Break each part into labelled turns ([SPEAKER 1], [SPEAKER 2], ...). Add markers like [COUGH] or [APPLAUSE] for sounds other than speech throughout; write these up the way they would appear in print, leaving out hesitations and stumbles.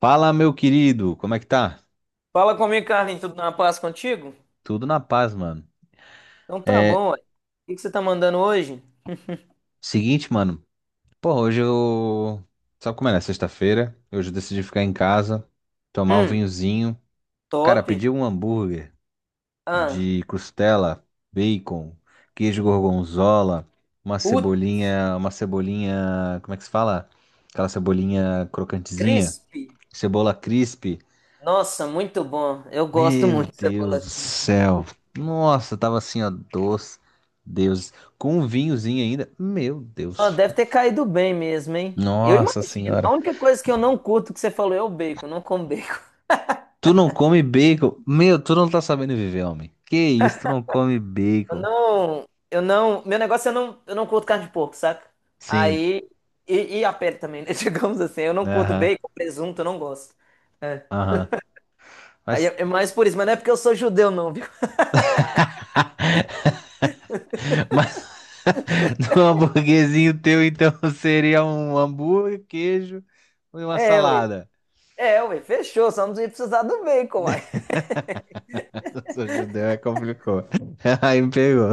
[SPEAKER 1] Fala, meu querido, como é que tá?
[SPEAKER 2] Fala comigo, Carlinhos, tudo na paz contigo?
[SPEAKER 1] Tudo na paz, mano.
[SPEAKER 2] Então tá
[SPEAKER 1] É,
[SPEAKER 2] bom, ué. O que que você tá mandando hoje?
[SPEAKER 1] seguinte, mano. Pô, hoje eu. Sabe como é, né? Sexta-feira. Hoje eu decidi ficar em casa, tomar um
[SPEAKER 2] Hum,
[SPEAKER 1] vinhozinho. Cara,
[SPEAKER 2] top.
[SPEAKER 1] pedi um hambúrguer
[SPEAKER 2] Ah,
[SPEAKER 1] de costela, bacon, queijo gorgonzola, uma
[SPEAKER 2] puto,
[SPEAKER 1] cebolinha. Uma cebolinha. Como é que se fala? Aquela cebolinha crocantezinha.
[SPEAKER 2] crisp.
[SPEAKER 1] Cebola crisp.
[SPEAKER 2] Nossa, muito bom. Eu gosto
[SPEAKER 1] Meu
[SPEAKER 2] muito de cebola
[SPEAKER 1] Deus do
[SPEAKER 2] crisp.
[SPEAKER 1] céu. Nossa, tava assim, ó, doce. Deus, com um vinhozinho ainda. Meu
[SPEAKER 2] Ó,
[SPEAKER 1] Deus.
[SPEAKER 2] deve ter caído bem mesmo, hein? Eu
[SPEAKER 1] Nossa
[SPEAKER 2] imagino. A
[SPEAKER 1] senhora.
[SPEAKER 2] única coisa que eu não curto que você falou é o bacon. Eu não como bacon.
[SPEAKER 1] Tu não come bacon? Meu, tu não tá sabendo viver, homem. Que isso, tu não come
[SPEAKER 2] Eu
[SPEAKER 1] bacon?
[SPEAKER 2] não, eu não, meu negócio é eu não curto carne de porco, saca?
[SPEAKER 1] Sim.
[SPEAKER 2] Aí, e a pele também, né? [LAUGHS] Digamos assim, eu não curto
[SPEAKER 1] Aham.
[SPEAKER 2] bacon, presunto, eu não gosto. É.
[SPEAKER 1] Aham.
[SPEAKER 2] Aí
[SPEAKER 1] Mas,
[SPEAKER 2] é mais por isso, mas não é porque eu sou judeu, não.
[SPEAKER 1] mas [LAUGHS] no hamburguerzinho teu, então, [LAUGHS] seria um hambúrguer, queijo e uma
[SPEAKER 2] É, ué.
[SPEAKER 1] salada.
[SPEAKER 2] É, ué. Fechou. Só não ia precisar do bacon, uai.
[SPEAKER 1] [LAUGHS] Eu sou judeu, é complicou. [LAUGHS] Aí me pegou.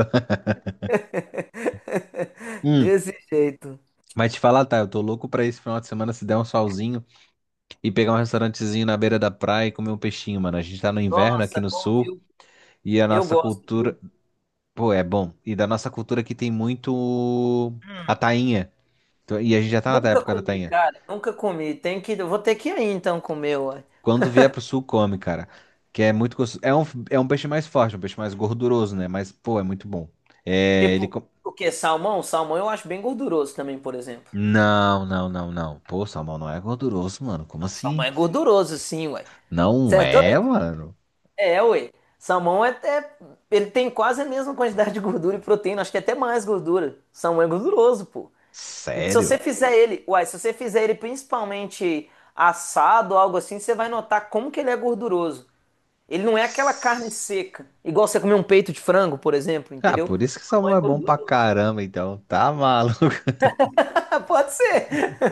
[SPEAKER 2] [LAUGHS]
[SPEAKER 1] Hum.
[SPEAKER 2] Desse jeito.
[SPEAKER 1] Mas te falar, tá, eu tô louco pra esse final de semana se der um solzinho e pegar um restaurantezinho na beira da praia e comer um peixinho, mano. A gente tá no inverno aqui
[SPEAKER 2] Nossa,
[SPEAKER 1] no
[SPEAKER 2] bom,
[SPEAKER 1] sul
[SPEAKER 2] viu?
[SPEAKER 1] e a
[SPEAKER 2] Eu
[SPEAKER 1] nossa
[SPEAKER 2] gosto, viu?
[SPEAKER 1] cultura, pô, é bom. E da nossa cultura aqui tem muito a
[SPEAKER 2] Hum,
[SPEAKER 1] tainha. Então, e a gente já tá na
[SPEAKER 2] nunca
[SPEAKER 1] época da
[SPEAKER 2] comi,
[SPEAKER 1] tainha.
[SPEAKER 2] cara. Nunca comi. Tem que, eu vou ter que ir aí, então comer, ué.
[SPEAKER 1] Quando vier pro sul, come, cara. Que é muito gostoso. É um peixe mais forte, um peixe mais gorduroso, né? Mas, pô, é muito bom. É, ele.
[SPEAKER 2] Tipo, o quê? Salmão? Salmão eu acho bem gorduroso também, por exemplo.
[SPEAKER 1] Não, não, não, não. Pô, salmão não é gorduroso, mano. Como
[SPEAKER 2] Não, salmão
[SPEAKER 1] assim?
[SPEAKER 2] é gorduroso, sim, ué. Você
[SPEAKER 1] Não
[SPEAKER 2] é
[SPEAKER 1] é,
[SPEAKER 2] doido?
[SPEAKER 1] mano.
[SPEAKER 2] É, ué. Salmão é até. Ele tem quase a mesma quantidade de gordura e proteína. Acho que é até mais gordura. Salmão é gorduroso, pô. E se você
[SPEAKER 1] Sério?
[SPEAKER 2] fizer ele, uai, se você fizer ele principalmente assado, algo assim, você vai notar como que ele é gorduroso. Ele não é aquela carne seca, igual você comer um peito de frango, por exemplo,
[SPEAKER 1] Ah,
[SPEAKER 2] entendeu?
[SPEAKER 1] por isso que
[SPEAKER 2] Não é
[SPEAKER 1] salmão é bom pra
[SPEAKER 2] gorduroso.
[SPEAKER 1] caramba, então. Tá maluco.
[SPEAKER 2] [LAUGHS] Pode ser.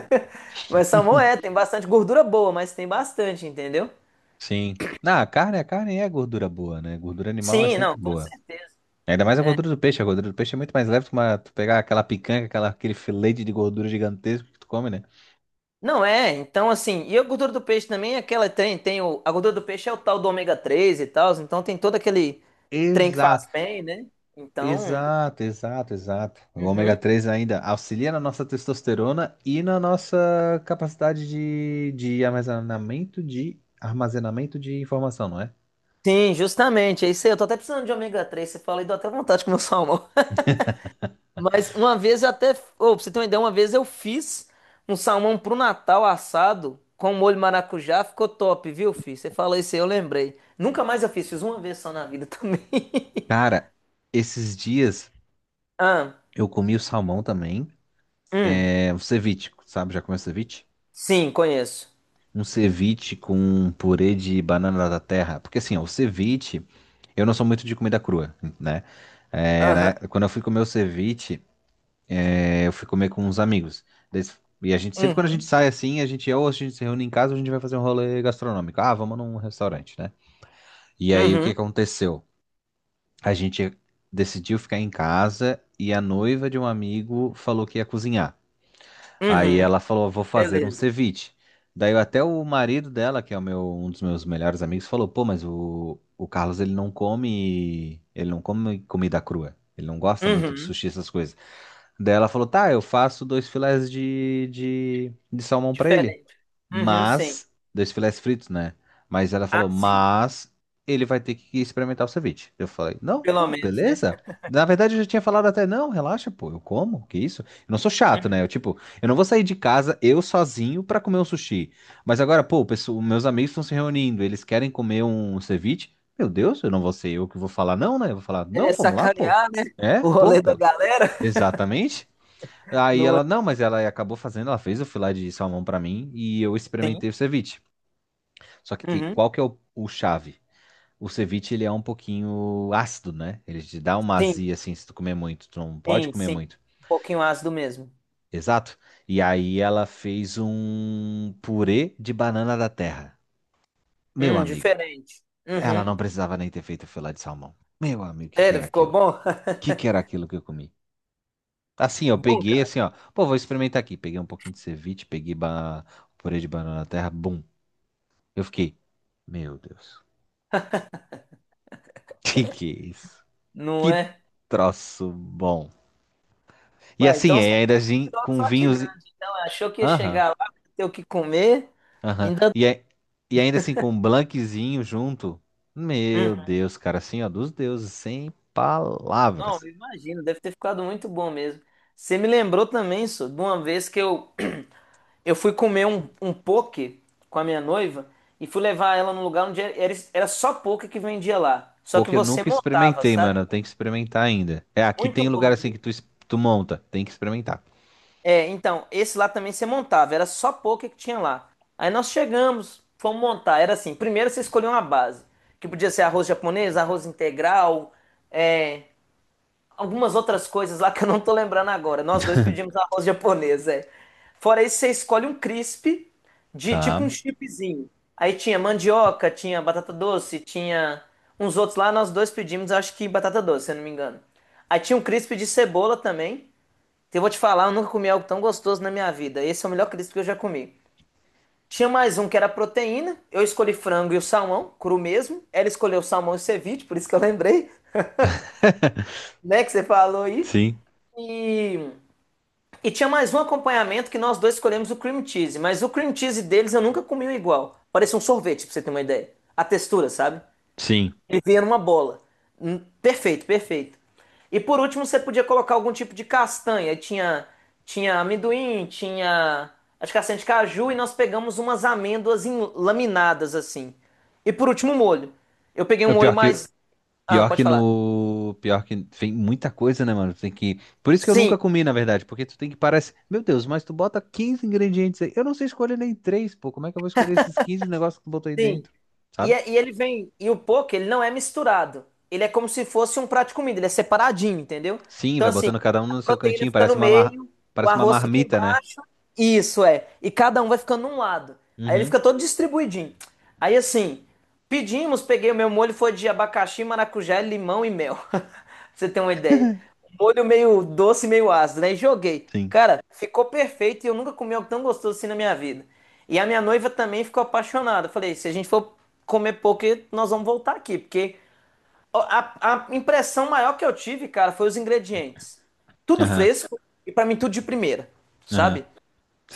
[SPEAKER 2] [LAUGHS] Mas salmão é,
[SPEAKER 1] [LAUGHS]
[SPEAKER 2] tem bastante gordura boa, mas tem bastante, entendeu?
[SPEAKER 1] Sim. A carne é gordura boa, né? Gordura animal é
[SPEAKER 2] Sim,
[SPEAKER 1] sempre
[SPEAKER 2] não, com
[SPEAKER 1] boa.
[SPEAKER 2] certeza.
[SPEAKER 1] Ainda mais a gordura do peixe. A gordura do peixe é muito mais leve que uma, tu pegar aquela picanha, aquela, aquele filete de gordura gigantesco que tu come, né?
[SPEAKER 2] Não é, então assim, e a gordura do peixe também é aquela tem o, a gordura do peixe é o tal do ômega 3 e tal, então tem todo aquele trem que faz
[SPEAKER 1] Exato,
[SPEAKER 2] bem, né? Então,
[SPEAKER 1] exato, exato, exato. O ômega
[SPEAKER 2] uhum.
[SPEAKER 1] 3 ainda auxilia na nossa testosterona e na nossa capacidade de armazenamento de informação, não é?
[SPEAKER 2] Sim, justamente, é isso aí. Eu tô até precisando de ômega 3, você fala e dá até vontade de comer um salmão. [LAUGHS] Mas uma vez eu até. Ô, pra você ter uma ideia, uma vez eu fiz um salmão pro Natal assado com molho maracujá, ficou top, viu, filho? Você falou isso aí, eu lembrei. Nunca mais eu fiz, fiz uma vez só na vida também. [LAUGHS]
[SPEAKER 1] Cara, esses dias
[SPEAKER 2] Ah,
[SPEAKER 1] eu comi o salmão também.
[SPEAKER 2] hum,
[SPEAKER 1] É, o ceviche, sabe? Já comeu ceviche?
[SPEAKER 2] sim, conheço.
[SPEAKER 1] Um ceviche com um purê de banana da terra. Porque assim, ó, o ceviche, eu não sou muito de comida crua, né? É,
[SPEAKER 2] Aham,
[SPEAKER 1] né? Quando eu fui comer o ceviche, é, eu fui comer com uns amigos. E a gente, sempre quando a gente
[SPEAKER 2] uhum,
[SPEAKER 1] sai assim, a gente ou a gente se reúne em casa ou a gente vai fazer um rolê gastronômico. Ah, vamos num restaurante, né? E aí o que
[SPEAKER 2] uhum,
[SPEAKER 1] aconteceu? A gente decidiu ficar em casa e a noiva de um amigo falou que ia cozinhar. Aí
[SPEAKER 2] uhum,
[SPEAKER 1] ela falou, vou fazer um
[SPEAKER 2] beleza.
[SPEAKER 1] ceviche. Daí até o marido dela, que é o meu, um dos meus melhores amigos, falou, pô, mas o Carlos, ele não come comida crua. Ele não gosta muito de
[SPEAKER 2] Uhum,
[SPEAKER 1] sushi, essas coisas. Daí ela falou, tá, eu faço dois filés de salmão pra ele.
[SPEAKER 2] diferente. Uhum, sim.
[SPEAKER 1] Mas, dois filés fritos, né? Mas ela
[SPEAKER 2] Ah,
[SPEAKER 1] falou,
[SPEAKER 2] sim,
[SPEAKER 1] mas ele vai ter que experimentar o ceviche. Eu falei, não,
[SPEAKER 2] pelo
[SPEAKER 1] pô,
[SPEAKER 2] menos, né?
[SPEAKER 1] beleza. Na verdade, eu já tinha falado até, não, relaxa, pô, eu como, que isso? Eu não sou chato, né? Eu,
[SPEAKER 2] Uhum.
[SPEAKER 1] tipo, eu não vou sair de casa eu sozinho pra comer um sushi. Mas agora, pô, meus amigos estão se reunindo, eles querem comer um ceviche. Meu Deus, eu não vou ser eu que vou falar, não, né? Eu vou falar, não,
[SPEAKER 2] É
[SPEAKER 1] vamos lá, pô.
[SPEAKER 2] sacanear, né?
[SPEAKER 1] É,
[SPEAKER 2] O
[SPEAKER 1] pô,
[SPEAKER 2] rolê da
[SPEAKER 1] pela,
[SPEAKER 2] galera. [LAUGHS]
[SPEAKER 1] exatamente. Aí
[SPEAKER 2] Não é
[SPEAKER 1] ela, não, mas ela acabou fazendo, ela fez o filé de salmão pra mim e eu
[SPEAKER 2] assim?
[SPEAKER 1] experimentei o ceviche. Só
[SPEAKER 2] Uhum.
[SPEAKER 1] qual que é o chave? O ceviche, ele é um pouquinho ácido, né? Ele te dá uma
[SPEAKER 2] Sim,
[SPEAKER 1] azia, assim, se tu comer muito. Tu não pode
[SPEAKER 2] sim,
[SPEAKER 1] comer
[SPEAKER 2] sim.
[SPEAKER 1] muito.
[SPEAKER 2] Um pouquinho ácido mesmo.
[SPEAKER 1] Exato. E aí ela fez um purê de banana da terra. Meu amigo,
[SPEAKER 2] Diferente.
[SPEAKER 1] ela não
[SPEAKER 2] Uhum.
[SPEAKER 1] precisava nem ter feito o filé de salmão. Meu amigo, o que que
[SPEAKER 2] Sério,
[SPEAKER 1] era
[SPEAKER 2] ficou
[SPEAKER 1] aquilo? O
[SPEAKER 2] bom? [LAUGHS]
[SPEAKER 1] que que era aquilo que eu comi? Assim, eu
[SPEAKER 2] Bom,
[SPEAKER 1] peguei,
[SPEAKER 2] cara.
[SPEAKER 1] assim, ó. Pô, vou experimentar aqui. Peguei um pouquinho de ceviche, purê de banana da terra, bum. Eu fiquei, meu Deus, [LAUGHS] que é isso?
[SPEAKER 2] Não
[SPEAKER 1] Que
[SPEAKER 2] é?
[SPEAKER 1] troço bom. E
[SPEAKER 2] Ué,
[SPEAKER 1] assim,
[SPEAKER 2] então você
[SPEAKER 1] é, ainda assim,
[SPEAKER 2] tirou
[SPEAKER 1] com
[SPEAKER 2] só
[SPEAKER 1] vinhos.
[SPEAKER 2] tigrão. Achou que ia
[SPEAKER 1] Aham,
[SPEAKER 2] chegar lá, ter o que comer.
[SPEAKER 1] aham.
[SPEAKER 2] Ainda.
[SPEAKER 1] E ainda assim, com um blanquezinho junto.
[SPEAKER 2] Uhum.
[SPEAKER 1] Meu Deus, cara, assim, ó, dos deuses, sem
[SPEAKER 2] Não,
[SPEAKER 1] palavras.
[SPEAKER 2] eu imagino, deve ter ficado muito bom mesmo. Você me lembrou também, só, de uma vez que eu, [CLEARS THROAT] eu fui comer um poke com a minha noiva e fui levar ela num lugar onde era só poke que vendia lá. Só que
[SPEAKER 1] Porque eu
[SPEAKER 2] você
[SPEAKER 1] nunca
[SPEAKER 2] montava,
[SPEAKER 1] experimentei, mano,
[SPEAKER 2] sabe?
[SPEAKER 1] eu tenho que experimentar ainda. É, aqui
[SPEAKER 2] Muito
[SPEAKER 1] tem lugar
[SPEAKER 2] bom,
[SPEAKER 1] assim que
[SPEAKER 2] viu?
[SPEAKER 1] tu monta, tem que experimentar.
[SPEAKER 2] É, então, esse lá também você montava, era só poker que tinha lá. Aí nós chegamos, fomos montar. Era assim: primeiro você escolhia uma base, que podia ser arroz japonês, arroz integral, é, algumas outras coisas lá que eu não tô lembrando agora. Nós dois pedimos arroz japonês, é. Fora isso, você escolhe um crisp de tipo um
[SPEAKER 1] Tá.
[SPEAKER 2] chipzinho. Aí tinha mandioca, tinha batata doce, tinha uns outros lá. Nós dois pedimos, acho que batata doce, se eu não me engano. Aí tinha um crisp de cebola também. Então, eu vou te falar, eu nunca comi algo tão gostoso na minha vida. Esse é o melhor crisp que eu já comi. Tinha mais um que era proteína. Eu escolhi frango e o salmão, cru mesmo. Ela escolheu o salmão e o ceviche, por isso que eu lembrei, [LAUGHS]
[SPEAKER 1] [LAUGHS]
[SPEAKER 2] né, que você falou aí.
[SPEAKER 1] Sim,
[SPEAKER 2] E, e tinha mais um acompanhamento que nós dois escolhemos o cream cheese, mas o cream cheese deles eu nunca comi um igual. Parecia um sorvete, pra você ter uma ideia. A textura, sabe?
[SPEAKER 1] sim.
[SPEAKER 2] Ele vinha numa bola. Perfeito, perfeito. E por último, você podia colocar algum tipo de castanha. Aí tinha, tinha amendoim, tinha as castanhas de caju e nós pegamos umas amêndoas em- laminadas assim. E por último, o molho. Eu peguei um
[SPEAKER 1] O
[SPEAKER 2] molho
[SPEAKER 1] pior que,
[SPEAKER 2] mais. Ah,
[SPEAKER 1] pior que
[SPEAKER 2] pode falar.
[SPEAKER 1] no. Pior que tem muita coisa, né, mano? Tem que. Por isso que eu
[SPEAKER 2] Sim,
[SPEAKER 1] nunca comi, na verdade, porque tu tem que parar. Meu Deus, mas tu bota 15 ingredientes aí. Eu não sei escolher nem três, pô. Como é que eu vou escolher esses 15 negócios que tu botou aí
[SPEAKER 2] sim.
[SPEAKER 1] dentro?
[SPEAKER 2] E,
[SPEAKER 1] Sabe?
[SPEAKER 2] é- e ele vem. E o poke, ele não é misturado. Ele é como se fosse um prato de comida. Ele é separadinho, entendeu?
[SPEAKER 1] Sim,
[SPEAKER 2] Então,
[SPEAKER 1] vai
[SPEAKER 2] assim,
[SPEAKER 1] botando cada um
[SPEAKER 2] a
[SPEAKER 1] no seu
[SPEAKER 2] proteína
[SPEAKER 1] cantinho.
[SPEAKER 2] fica
[SPEAKER 1] Parece
[SPEAKER 2] no
[SPEAKER 1] uma, mar...
[SPEAKER 2] meio, o
[SPEAKER 1] parece uma
[SPEAKER 2] arroz fica
[SPEAKER 1] marmita, né?
[SPEAKER 2] embaixo. Isso é. E cada um vai ficando num lado. Aí ele
[SPEAKER 1] Uhum.
[SPEAKER 2] fica todo distribuidinho. Aí assim, pedimos, peguei o meu molho, foi de abacaxi, maracujá, limão e mel. [LAUGHS] Pra você ter uma ideia. Um molho meio doce, meio ácido, né? E joguei.
[SPEAKER 1] Sim.
[SPEAKER 2] Cara, ficou perfeito e eu nunca comi algo tão gostoso assim na minha vida. E a minha noiva também ficou apaixonada. Eu falei, se a gente for comer pouco, nós vamos voltar aqui, porque a impressão maior que eu tive, cara, foi os ingredientes. Tudo
[SPEAKER 1] Aham.
[SPEAKER 2] fresco e pra mim tudo de primeira,
[SPEAKER 1] Aham.
[SPEAKER 2] sabe?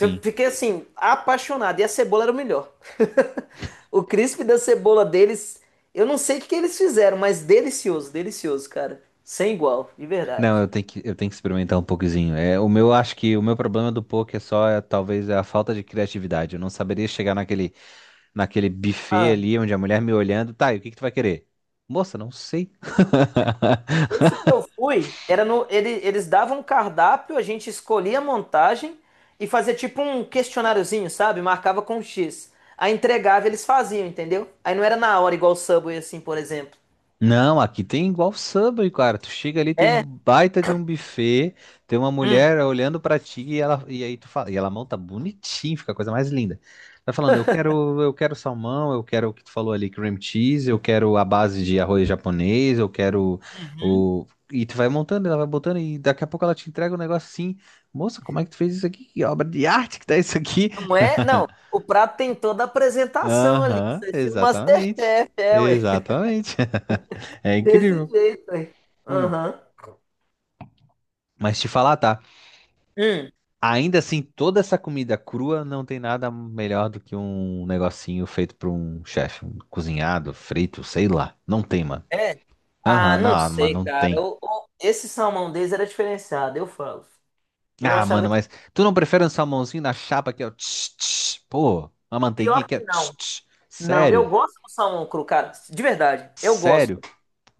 [SPEAKER 2] Eu fiquei assim, apaixonado. E a cebola era o melhor. [LAUGHS] O crisp da cebola deles, eu não sei o que que eles fizeram, mas delicioso, delicioso, cara. Sem igual, de verdade.
[SPEAKER 1] Não, eu tenho que experimentar um pouquinho. É, o meu, acho que o meu problema do poke é só, é, talvez, é a falta de criatividade. Eu não saberia chegar naquele buffet
[SPEAKER 2] Ah,
[SPEAKER 1] ali, onde a mulher me olhando, tá, e o que que tu vai querer? Moça, não sei.
[SPEAKER 2] esse que eu fui, era no, ele- eles davam um cardápio, a gente escolhia a montagem e fazia tipo um questionáriozinho, sabe? Marcava com X. Aí entregava, eles faziam, entendeu? Aí não era na hora, igual o Subway, assim, por exemplo.
[SPEAKER 1] Não, aqui tem igual Subway, cara. Tu chega ali, tem um
[SPEAKER 2] É?
[SPEAKER 1] baita de um buffet, tem uma mulher olhando pra ti e ela e aí tu fala, e ela monta bonitinho, fica a coisa mais linda. Tá falando, eu quero salmão, eu quero o que tu falou ali, cream cheese, eu quero a base de arroz japonês, eu quero
[SPEAKER 2] Hum.
[SPEAKER 1] o e tu vai montando, ela vai botando e daqui a pouco ela te entrega um negócio assim, moça, como é que tu fez isso aqui? Que obra de arte que tá isso aqui?
[SPEAKER 2] Não é? Não.
[SPEAKER 1] [LAUGHS]
[SPEAKER 2] O prato tem toda a apresentação ali.
[SPEAKER 1] Aham,
[SPEAKER 2] Isso é filme
[SPEAKER 1] exatamente.
[SPEAKER 2] Masterchef, é, ué. [LAUGHS]
[SPEAKER 1] Exatamente. [LAUGHS] É
[SPEAKER 2] Desse
[SPEAKER 1] incrível.
[SPEAKER 2] jeito, ué.
[SPEAKER 1] Hum.
[SPEAKER 2] Aham.
[SPEAKER 1] Mas te falar, tá?
[SPEAKER 2] Hum,
[SPEAKER 1] Ainda assim, toda essa comida crua não tem nada melhor do que um negocinho feito por um chefe, um cozinhado, frito, sei lá. Não tem, mano.
[SPEAKER 2] é? Ah,
[SPEAKER 1] Aham,
[SPEAKER 2] não
[SPEAKER 1] não, mano,
[SPEAKER 2] sei,
[SPEAKER 1] não
[SPEAKER 2] cara.
[SPEAKER 1] tem.
[SPEAKER 2] Eu- esse salmão deles era diferenciado, eu falo. Eu
[SPEAKER 1] Ah,
[SPEAKER 2] achava
[SPEAKER 1] mano,
[SPEAKER 2] tipo,
[SPEAKER 1] mas tu não prefere um salmãozinho na chapa que é o tch, tch? Pô, uma manteiguinha
[SPEAKER 2] pior
[SPEAKER 1] que é
[SPEAKER 2] que
[SPEAKER 1] tch,
[SPEAKER 2] não.
[SPEAKER 1] tch?
[SPEAKER 2] Não, eu
[SPEAKER 1] Sério?
[SPEAKER 2] gosto do salmão cru, cara. De verdade, eu
[SPEAKER 1] Sério?
[SPEAKER 2] gosto.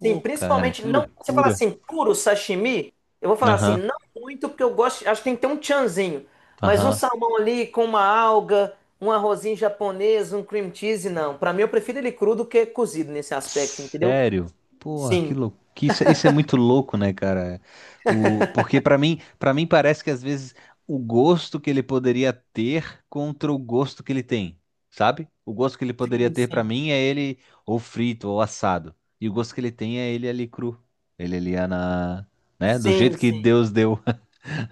[SPEAKER 2] Sim,
[SPEAKER 1] cara,
[SPEAKER 2] principalmente
[SPEAKER 1] que
[SPEAKER 2] não. Você fala
[SPEAKER 1] loucura.
[SPEAKER 2] assim, puro sashimi, eu vou falar assim,
[SPEAKER 1] Aham,
[SPEAKER 2] não muito, porque eu gosto. Acho que tem que ter um tchanzinho. Mas um
[SPEAKER 1] aham.
[SPEAKER 2] salmão ali com uma alga, um arrozinho japonês, um cream cheese, não. Pra mim, eu prefiro ele cru do que cozido nesse aspecto, entendeu?
[SPEAKER 1] Sério? Porra, que
[SPEAKER 2] Sim,
[SPEAKER 1] louco. Isso é muito louco, né, cara? O, porque para mim parece que às vezes o gosto que ele poderia ter contra o gosto que ele tem, sabe? O gosto que ele poderia
[SPEAKER 2] sim,
[SPEAKER 1] ter pra
[SPEAKER 2] sim.
[SPEAKER 1] mim é ele ou frito ou assado. E o gosto que ele tem é ele ali cru. Ele ali é na, né, do
[SPEAKER 2] Sim,
[SPEAKER 1] jeito que
[SPEAKER 2] sim.
[SPEAKER 1] Deus deu,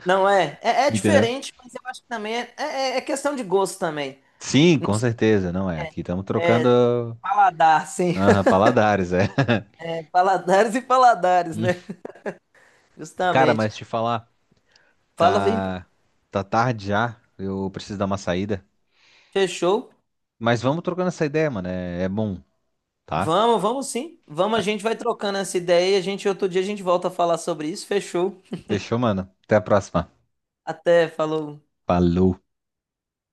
[SPEAKER 2] Não é. É,
[SPEAKER 1] [LAUGHS]
[SPEAKER 2] é
[SPEAKER 1] entendeu?
[SPEAKER 2] diferente, mas eu acho que também é questão de gosto também.
[SPEAKER 1] Sim,
[SPEAKER 2] Não
[SPEAKER 1] com
[SPEAKER 2] sei,
[SPEAKER 1] certeza, não é. Aqui estamos trocando,
[SPEAKER 2] paladar, sim.
[SPEAKER 1] aham,
[SPEAKER 2] [LAUGHS]
[SPEAKER 1] paladares, é.
[SPEAKER 2] Paladares e paladares, né?
[SPEAKER 1] [LAUGHS]
[SPEAKER 2] [LAUGHS]
[SPEAKER 1] Cara,
[SPEAKER 2] Justamente.
[SPEAKER 1] mas te falar.
[SPEAKER 2] Fala, vem.
[SPEAKER 1] Tá, tá tarde já. Eu preciso dar uma saída.
[SPEAKER 2] Fechou.
[SPEAKER 1] Mas vamos trocando essa ideia, mano. É, é bom, tá?
[SPEAKER 2] Vamos, vamos sim. Vamos, a gente vai trocando essa ideia e a gente outro dia a gente volta a falar sobre isso. Fechou.
[SPEAKER 1] Fechou, mano. Até a próxima.
[SPEAKER 2] Até, falou.
[SPEAKER 1] Falou.